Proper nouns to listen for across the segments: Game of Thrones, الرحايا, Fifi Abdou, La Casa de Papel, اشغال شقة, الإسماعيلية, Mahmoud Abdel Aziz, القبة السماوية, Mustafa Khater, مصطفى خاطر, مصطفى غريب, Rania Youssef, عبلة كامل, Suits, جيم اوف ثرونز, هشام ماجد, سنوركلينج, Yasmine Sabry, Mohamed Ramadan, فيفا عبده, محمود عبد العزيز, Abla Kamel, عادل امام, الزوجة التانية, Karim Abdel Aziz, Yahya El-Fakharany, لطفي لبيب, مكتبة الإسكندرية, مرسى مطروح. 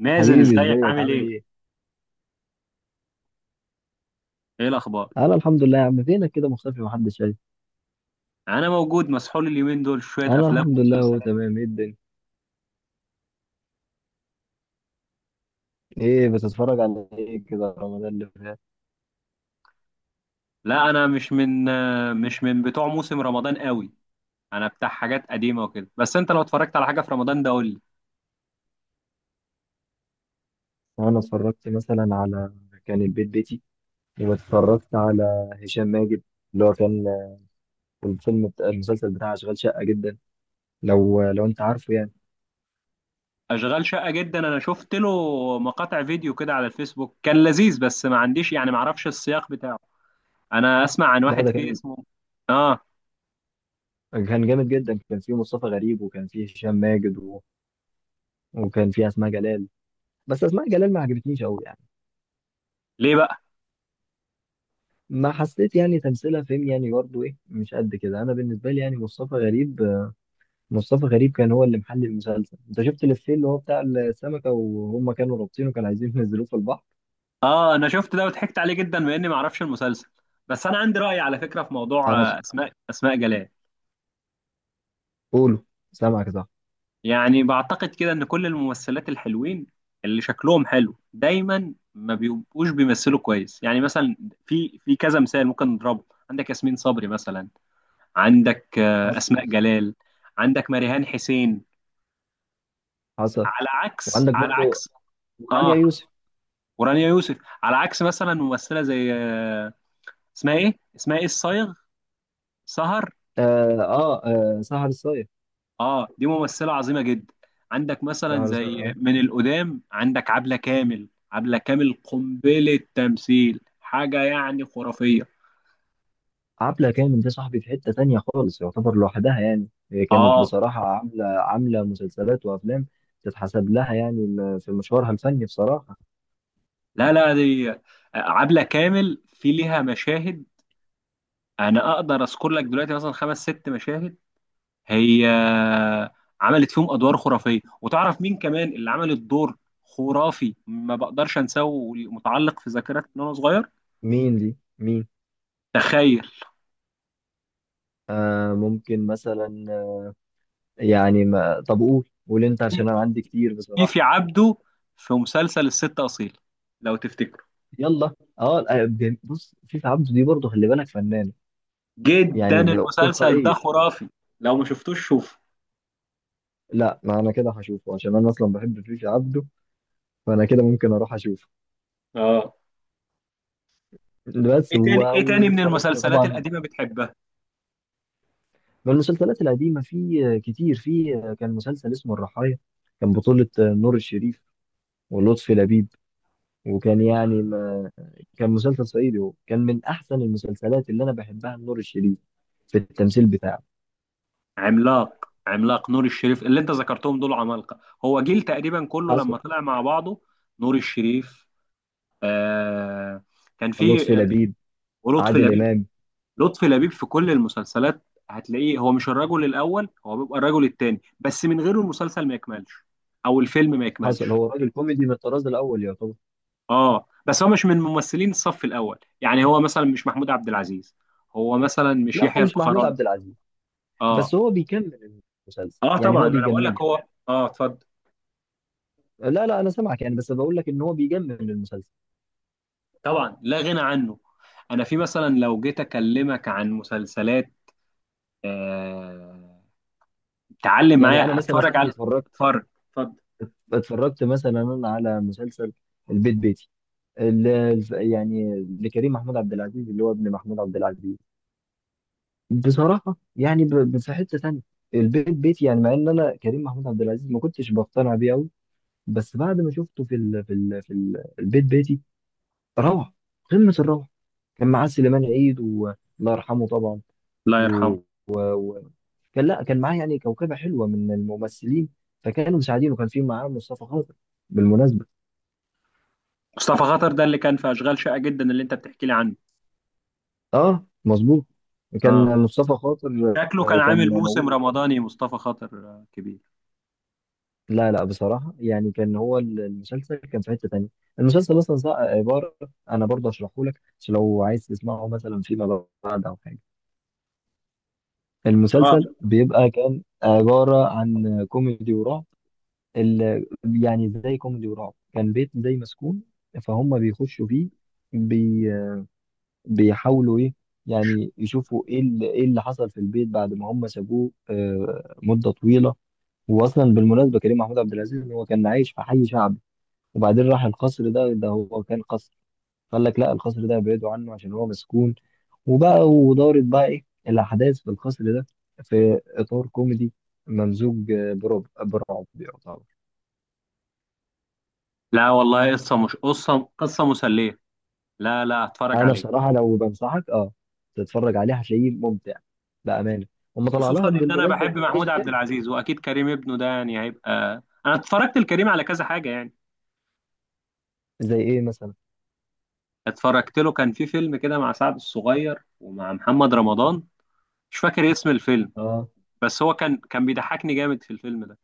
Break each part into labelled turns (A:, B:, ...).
A: مازن،
B: حبيبي،
A: ازيك
B: ازيك
A: عامل
B: عامل
A: ايه؟
B: ايه؟
A: ايه الاخبار؟
B: انا الحمد لله يا عم. فينك كده مختفي؟ محدش شايف.
A: انا موجود مسحول اليومين دول في شويه
B: انا
A: افلام
B: الحمد لله، هو
A: ومسلسلات كده.
B: تمام. ايه الدنيا؟ ايه بتتفرج على ايه كده رمضان اللي فات؟
A: لا، انا مش من بتوع موسم رمضان قوي. انا بتاع حاجات قديمه وكده، بس انت لو اتفرجت على حاجه في رمضان ده قول لي.
B: انا اتفرجت مثلا على كان البيت بيتي. واتفرجت على هشام ماجد، اللي هو كان الفيلم بتاع المسلسل بتاع اشغال شقة جدا، لو انت عارفه يعني.
A: اشغال شقه جدا، انا شفت له مقاطع فيديو كده على الفيسبوك، كان لذيذ بس ما عنديش، يعني ما اعرفش السياق بتاعه. انا اسمع عن
B: لا،
A: واحد
B: ده
A: فيه
B: كان
A: اسمه. اه.
B: كان جامد جدا. كان فيه مصطفى غريب، وكان فيه هشام ماجد، وكان فيه اسماء جلال. بس اسماء جلال ما عجبتنيش قوي.
A: ليه بقى؟
B: ما حسيت، يعني تمثيلها فيلم، يعني برضه ايه، مش قد كده. انا بالنسبه لي يعني مصطفى غريب، مصطفى غريب كان هو اللي محل المسلسل. انت شفت الإفيه اللي هو بتاع السمكه، وهم كانوا رابطينه كانوا عايزين ينزلوه في البحر؟
A: اه، انا شفت ده وضحكت عليه جدا مع اني ما اعرفش المسلسل. بس انا عندي راي على فكره في موضوع
B: انا بس-
A: اسماء جلال.
B: قولوا، سامعك صح.
A: يعني بعتقد كده ان كل الممثلات الحلوين، اللي شكلهم حلو، دايما ما بيبقوش بيمثلوا كويس. يعني مثلا في كذا مثال ممكن نضربه. عندك ياسمين صبري مثلا، عندك
B: حصل،
A: اسماء جلال، عندك مريهان حسين،
B: حصل.
A: على عكس
B: وعندك
A: على
B: برضه
A: عكس
B: رانيا
A: اه.
B: يوسف.
A: ورانيا يوسف. على عكس مثلا ممثله زي اسمها ايه الصايغ، سهر.
B: اه، اه, سهر الصايغ.
A: اه، دي ممثلة عظيمة جدا. عندك مثلا
B: سهر الصايغ،
A: زي
B: اه.
A: من القدام، عندك عبلة كامل. عبلة كامل قنبلة تمثيل، حاجة يعني خرافية.
B: عبلة كامل ده صاحبي في حته تانيه خالص، يعتبر لوحدها. يعني هي كانت
A: اه.
B: بصراحه عامله مسلسلات وافلام تتحسب لها، يعني في مشوارها الفني بصراحه.
A: لا لا، دي عبلة كامل في ليها مشاهد. انا اقدر اذكر لك دلوقتي مثلا 5 6 مشاهد هي عملت فيهم ادوار خرافية. وتعرف مين كمان اللي عمل الدور خرافي ما بقدرش انساه ومتعلق في ذاكرتي من وانا صغير؟
B: مين دي؟ مين؟
A: تخيل.
B: ممكن مثلا، يعني ما، طب قول، قول انت، عشان انا عندي كتير
A: فيفي
B: بصراحه.
A: عبده في مسلسل الست أصيل، لو تفتكروا.
B: يلا. اه، بص، فيفا عبده دي برضه خلي بالك فنانه،
A: جدا
B: يعني
A: المسلسل ده
B: تلقائيه.
A: خرافي، لو ما شفتوش شوف.
B: لا، ما انا كده هشوفه عشان انا اصلا بحب فيفا عبده، فانا كده ممكن اروح اشوفه.
A: اه.
B: بس
A: ايه تاني ايه تاني من
B: واتفرجت
A: المسلسلات
B: طبعا.
A: القديمة بتحبها؟
B: من المسلسلات القديمه في كتير. في كان مسلسل اسمه الرحايا. كان بطوله نور الشريف ولطفي لبيب، وكان يعني ما، كان مسلسل صعيدي. هو كان من احسن المسلسلات اللي انا بحبها لنور الشريف في التمثيل بتاعه.
A: عملاق، عملاق نور الشريف. اللي انت ذكرتهم دول عمالقة، هو جيل تقريبا كله لما
B: حصل.
A: طلع مع بعضه. نور الشريف، آه كان
B: لطفي
A: في آه،
B: لبيب،
A: ولطفي
B: عادل
A: لبيب.
B: امام.
A: لطفي لبيب في كل المسلسلات هتلاقيه، هو مش الرجل الأول، هو بيبقى الرجل التاني، بس من غيره المسلسل ما يكملش، أو الفيلم ما
B: حصل.
A: يكملش.
B: هو راجل كوميدي من الطراز الاول يعتبر.
A: اه، بس هو مش من ممثلين الصف الاول، يعني هو مثلا مش محمود عبد العزيز، هو مثلا مش
B: لا،
A: يحيى
B: هو مش محمود
A: الفخراني.
B: عبد العزيز،
A: اه.
B: بس هو بيكمل المسلسل،
A: اه
B: يعني
A: طبعا
B: هو
A: انا بقول
B: بيجمله.
A: لك هو، اتفضل.
B: لا لا، انا سامعك، يعني بس بقول لك ان هو بيجمل المسلسل.
A: طبعا لا غنى عنه. انا في مثلا لو جيت اكلمك عن مسلسلات، آه... تعلم
B: يعني انا
A: معايا،
B: مثلا يا
A: اتفرج
B: صاحبي
A: على.
B: اتفرجت
A: اتفرج، اتفضل.
B: اتفرجت مثلا انا على مسلسل البيت بيتي. يعني لكريم محمود عبد العزيز، اللي هو ابن محمود عبد العزيز. بصراحة يعني في حتة تانية. البيت بيت، يعني مع ان انا كريم محمود عبد العزيز ما كنتش بقتنع بيه قوي، بس بعد ما شفته البيت بيتي، روعة، قمة الروعة. كان معاه سليمان عيد، والله يرحمه طبعا.
A: الله
B: و...
A: يرحمه.
B: كان لا كان معاه يعني كوكبة حلوة من الممثلين، فكانوا مساعدين. وكان في معاه مصطفى خاطر بالمناسبة.
A: مصطفى خاطر ده اللي كان في اشغال شاقة جدا اللي انت بتحكي لي عنه؟
B: اه مظبوط،
A: اه.
B: كان مصطفى خاطر
A: شكله كان
B: كان
A: عامل موسم
B: موجود.
A: رمضاني مصطفى خاطر كبير.
B: لا لا، بصراحة يعني كان هو المسلسل كان في حتة تانية. المسلسل أصلا عبارة، أنا برضه هشرحه لك عشان لو عايز تسمعه مثلا فيما بعد أو حاجة.
A: اه.
B: المسلسل بيبقى كان عبارة عن كوميدي ورعب. ال... يعني زي كوميدي ورعب، كان بيت زي مسكون، فهم بيخشوا فيه، بي... بيحاولوا إيه، يعني يشوفوا إيه اللي... حصل في البيت بعد ما هم سابوه مدة طويلة. وأصلا بالمناسبة كريم محمود عبد العزيز هو كان عايش في حي شعبي، وبعدين راح القصر ده هو كان قصر. قال لك لا، القصر ده ابعدوا عنه عشان هو مسكون. وبقى ودارت بقى ايه الاحداث في القصر ده، في اطار كوميدي ممزوج برعب، برعب يعتبر.
A: لا والله، قصة مش قصة قصة مسلية. لا لا، هتفرج
B: انا
A: عليه.
B: بصراحه لو بنصحك، تتفرج عليه هتلاقيه ممتع بامانه. هم طلع
A: خصوصا
B: لها
A: ان انا
B: بالمناسبه
A: بحب
B: برضه
A: محمود
B: جزء
A: عبد
B: تاني.
A: العزيز، واكيد كريم ابنه ده يعني هيبقى. انا اتفرجت لكريم على كذا حاجه يعني.
B: زي ايه مثلا؟
A: اتفرجت له كان في فيلم كده مع سعد الصغير ومع محمد رمضان، مش فاكر اسم الفيلم.
B: اه،
A: بس هو كان بيضحكني جامد في الفيلم ده،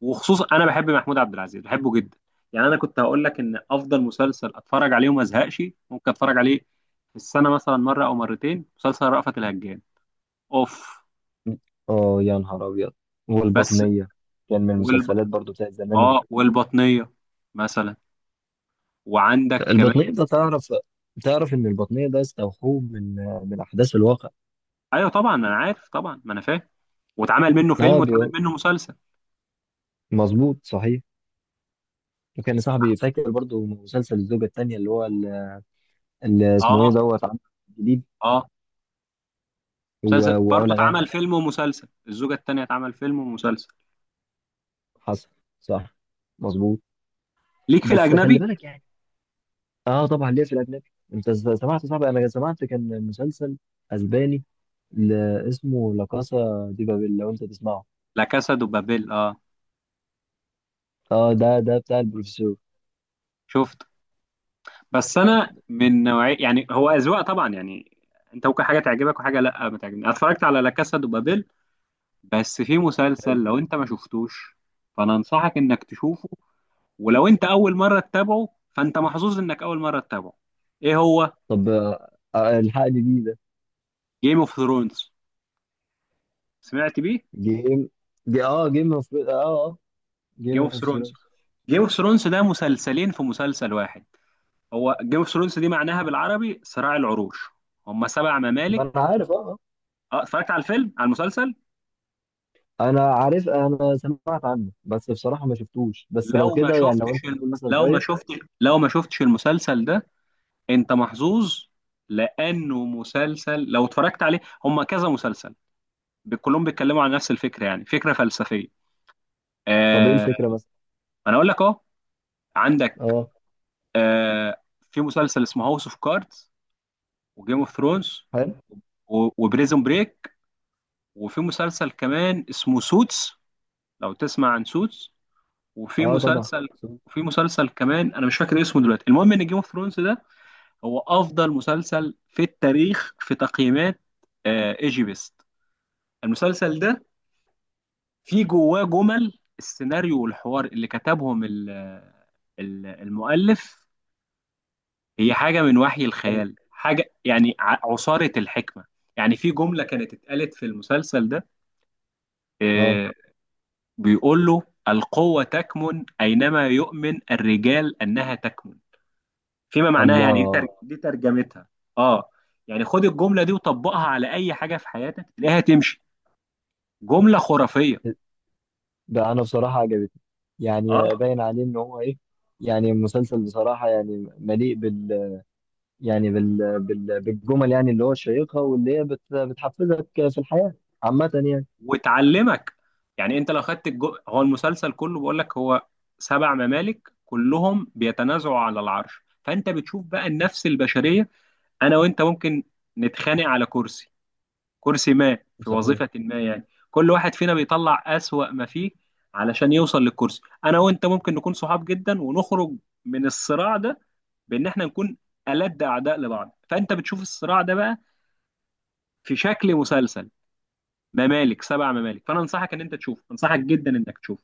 A: وخصوصا انا بحب محمود عبد العزيز، بحبه جدا. يعني انا كنت هقول لك ان افضل مسلسل اتفرج عليه وما ازهقش، ممكن اتفرج عليه في السنه مثلا مره او مرتين، مسلسل رأفت الهجان. اوف.
B: اه، يا نهار ابيض.
A: بس.
B: والبطنيه كان من
A: والب...
B: المسلسلات برضه بتاعت زمان.
A: اه، والبطنيه مثلا. وعندك كمان.
B: البطنية ده تعرف، تعرف إن البطنية ده استوحوه من أحداث الواقع.
A: ايوه طبعا انا عارف، طبعا ما انا فاهم. واتعمل منه فيلم
B: اه
A: واتعمل
B: بيقول،
A: منه مسلسل.
B: مظبوط صحيح. وكان صاحبي فاكر برضو مسلسل الزوجة التانية، اللي هو اللي اسمه إيه
A: اه.
B: دوت عمل جديد،
A: اه. مسلسل
B: و-
A: برضه
B: وعلا
A: اتعمل
B: غانم.
A: فيلم ومسلسل، الزوجة التانية اتعمل فيلم ومسلسل.
B: حصل. صح، مظبوط.
A: ليك في
B: بس خلي
A: الأجنبي.
B: بالك يعني. اه، طبعا ليه في الأجنبي. أنت سمعت صاحبي، أنا سمعت كان مسلسل أسباني ل- اسمه لا كاسا دي بابيل، لو أنت تسمعه.
A: لا كاسا دو بابيل، اه
B: اه، ده بتاع البروفيسور.
A: شفته. بس أنا من نوعية، يعني هو أذواق طبعا يعني، أنت ممكن حاجة تعجبك وحاجة لا ما تعجبني. أنا اتفرجت على لا كاسا دو بابيل، بس في مسلسل
B: حلو.
A: لو أنت ما شفتوش فأنا أنصحك إنك تشوفه. ولو أنت أول مرة تتابعه فأنت محظوظ إنك أول مرة تتابعه. إيه هو؟
B: طب، الحقني بيه ده.
A: جيم اوف ثرونز. سمعت بيه؟
B: جيم جي اه جيم اوف اه اه جيم
A: جيم اوف
B: اوف
A: ثرونز.
B: ثرونز.
A: جيم اوف ثرونز ده مسلسلين في مسلسل واحد. هو جيم اوف ثرونز دي معناها بالعربي صراع العروش. هم سبع
B: ما انا
A: ممالك
B: عارف، اه آه.
A: اه، اتفرجت على الفيلم، على المسلسل.
B: انا عارف، انا سمعت عنه بس بصراحه ما شفتوش. بس لو
A: لو ما
B: كده يعني، لو
A: شفتش
B: انت
A: ال...
B: بتقول مثلا
A: لو ما
B: شايف.
A: شفتش لو ما شفتش المسلسل ده، انت محظوظ. لانه مسلسل لو اتفرجت عليه، هم كذا مسلسل كلهم بيتكلموا عن نفس الفكره، يعني فكره فلسفيه.
B: طب ايه
A: آه
B: الفكره مثلا؟
A: انا اقول لك اهو. عندك
B: اه،
A: آه في مسلسل اسمه هاوس اوف كاردز، وجيم اوف ثرونز،
B: حلو.
A: و- وبريزون بريك، وفي مسلسل كمان اسمه سوتس، لو تسمع عن سوتس. وفي
B: اه طبعا.
A: مسلسل، وفي مسلسل كمان انا مش فاكر اسمه دلوقتي. المهم ان جيم اوف ثرونز ده هو افضل مسلسل في التاريخ في تقييمات ايجي بيست. المسلسل ده فيه جواه جمل السيناريو والحوار اللي كتبهم المؤلف. هي حاجة من وحي
B: حلو.
A: الخيال، حاجة يعني عصارة الحكمة. يعني في جملة كانت اتقالت في المسلسل ده
B: اه.
A: آه، بيقول له: القوة تكمن أينما يؤمن الرجال أنها تكمن. فيما معناها يعني،
B: الله،
A: الله دي ترجمتها. اه. يعني خد الجملة دي وطبقها على أي حاجة في حياتك تلاقيها تمشي. جملة خرافية.
B: ده انا بصراحه عجبتني.
A: اه،
B: يعني باين عليه ان هو ايه. يعني مسلسل بصراحه يعني مليء يعني بالجمل، يعني اللي هو الشيقه، واللي هي بتحفزك في الحياه عامه يعني.
A: وتعلمك. يعني أنت لو خدت هو المسلسل كله بيقول لك، هو 7 ممالك كلهم بيتنازعوا على العرش. فأنت بتشوف بقى النفس البشرية، أنا وأنت ممكن نتخانق على كرسي، كرسي ما في
B: صحيح.
A: وظيفة ما يعني. كل واحد فينا بيطلع أسوأ ما فيه علشان يوصل للكرسي. أنا وأنت ممكن نكون صحاب جدا ونخرج من الصراع ده بإن إحنا نكون ألد أعداء لبعض. فأنت بتشوف الصراع ده بقى في شكل مسلسل، 7 ممالك. فأنا أنصحك إن أنت تشوفه، أنصحك جدا إنك تشوفه.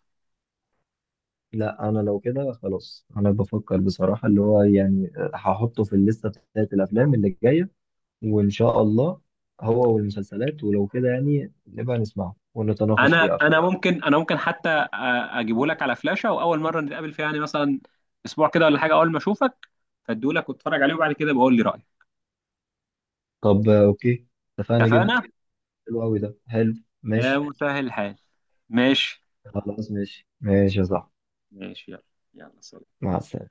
B: لا انا لو كده خلاص انا بفكر بصراحه، اللي هو يعني هحطه في الليسته بتاعت الافلام اللي جايه وان شاء الله، هو والمسلسلات. ولو كده يعني نبقى نسمعه ونتناقش
A: أنا
B: فيه اكتر.
A: أنا ممكن أنا ممكن حتى أ- أجيبه لك على فلاشة. وأول مرة نتقابل فيها، يعني مثلا أسبوع كده ولا حاجة، أول ما أشوفك أديه لك، واتفرج عليه وبعد كده بقول لي رأيك.
B: طب، اوكي، اتفقنا جدا.
A: اتفقنا؟
B: حلو قوي، ده حلو.
A: يا
B: ماشي.
A: مسهل الحال. ماشي.
B: خلاص، ماشي ماشي يا صاحبي.
A: ماشي يلا. يلا سلام.
B: مع السلامه.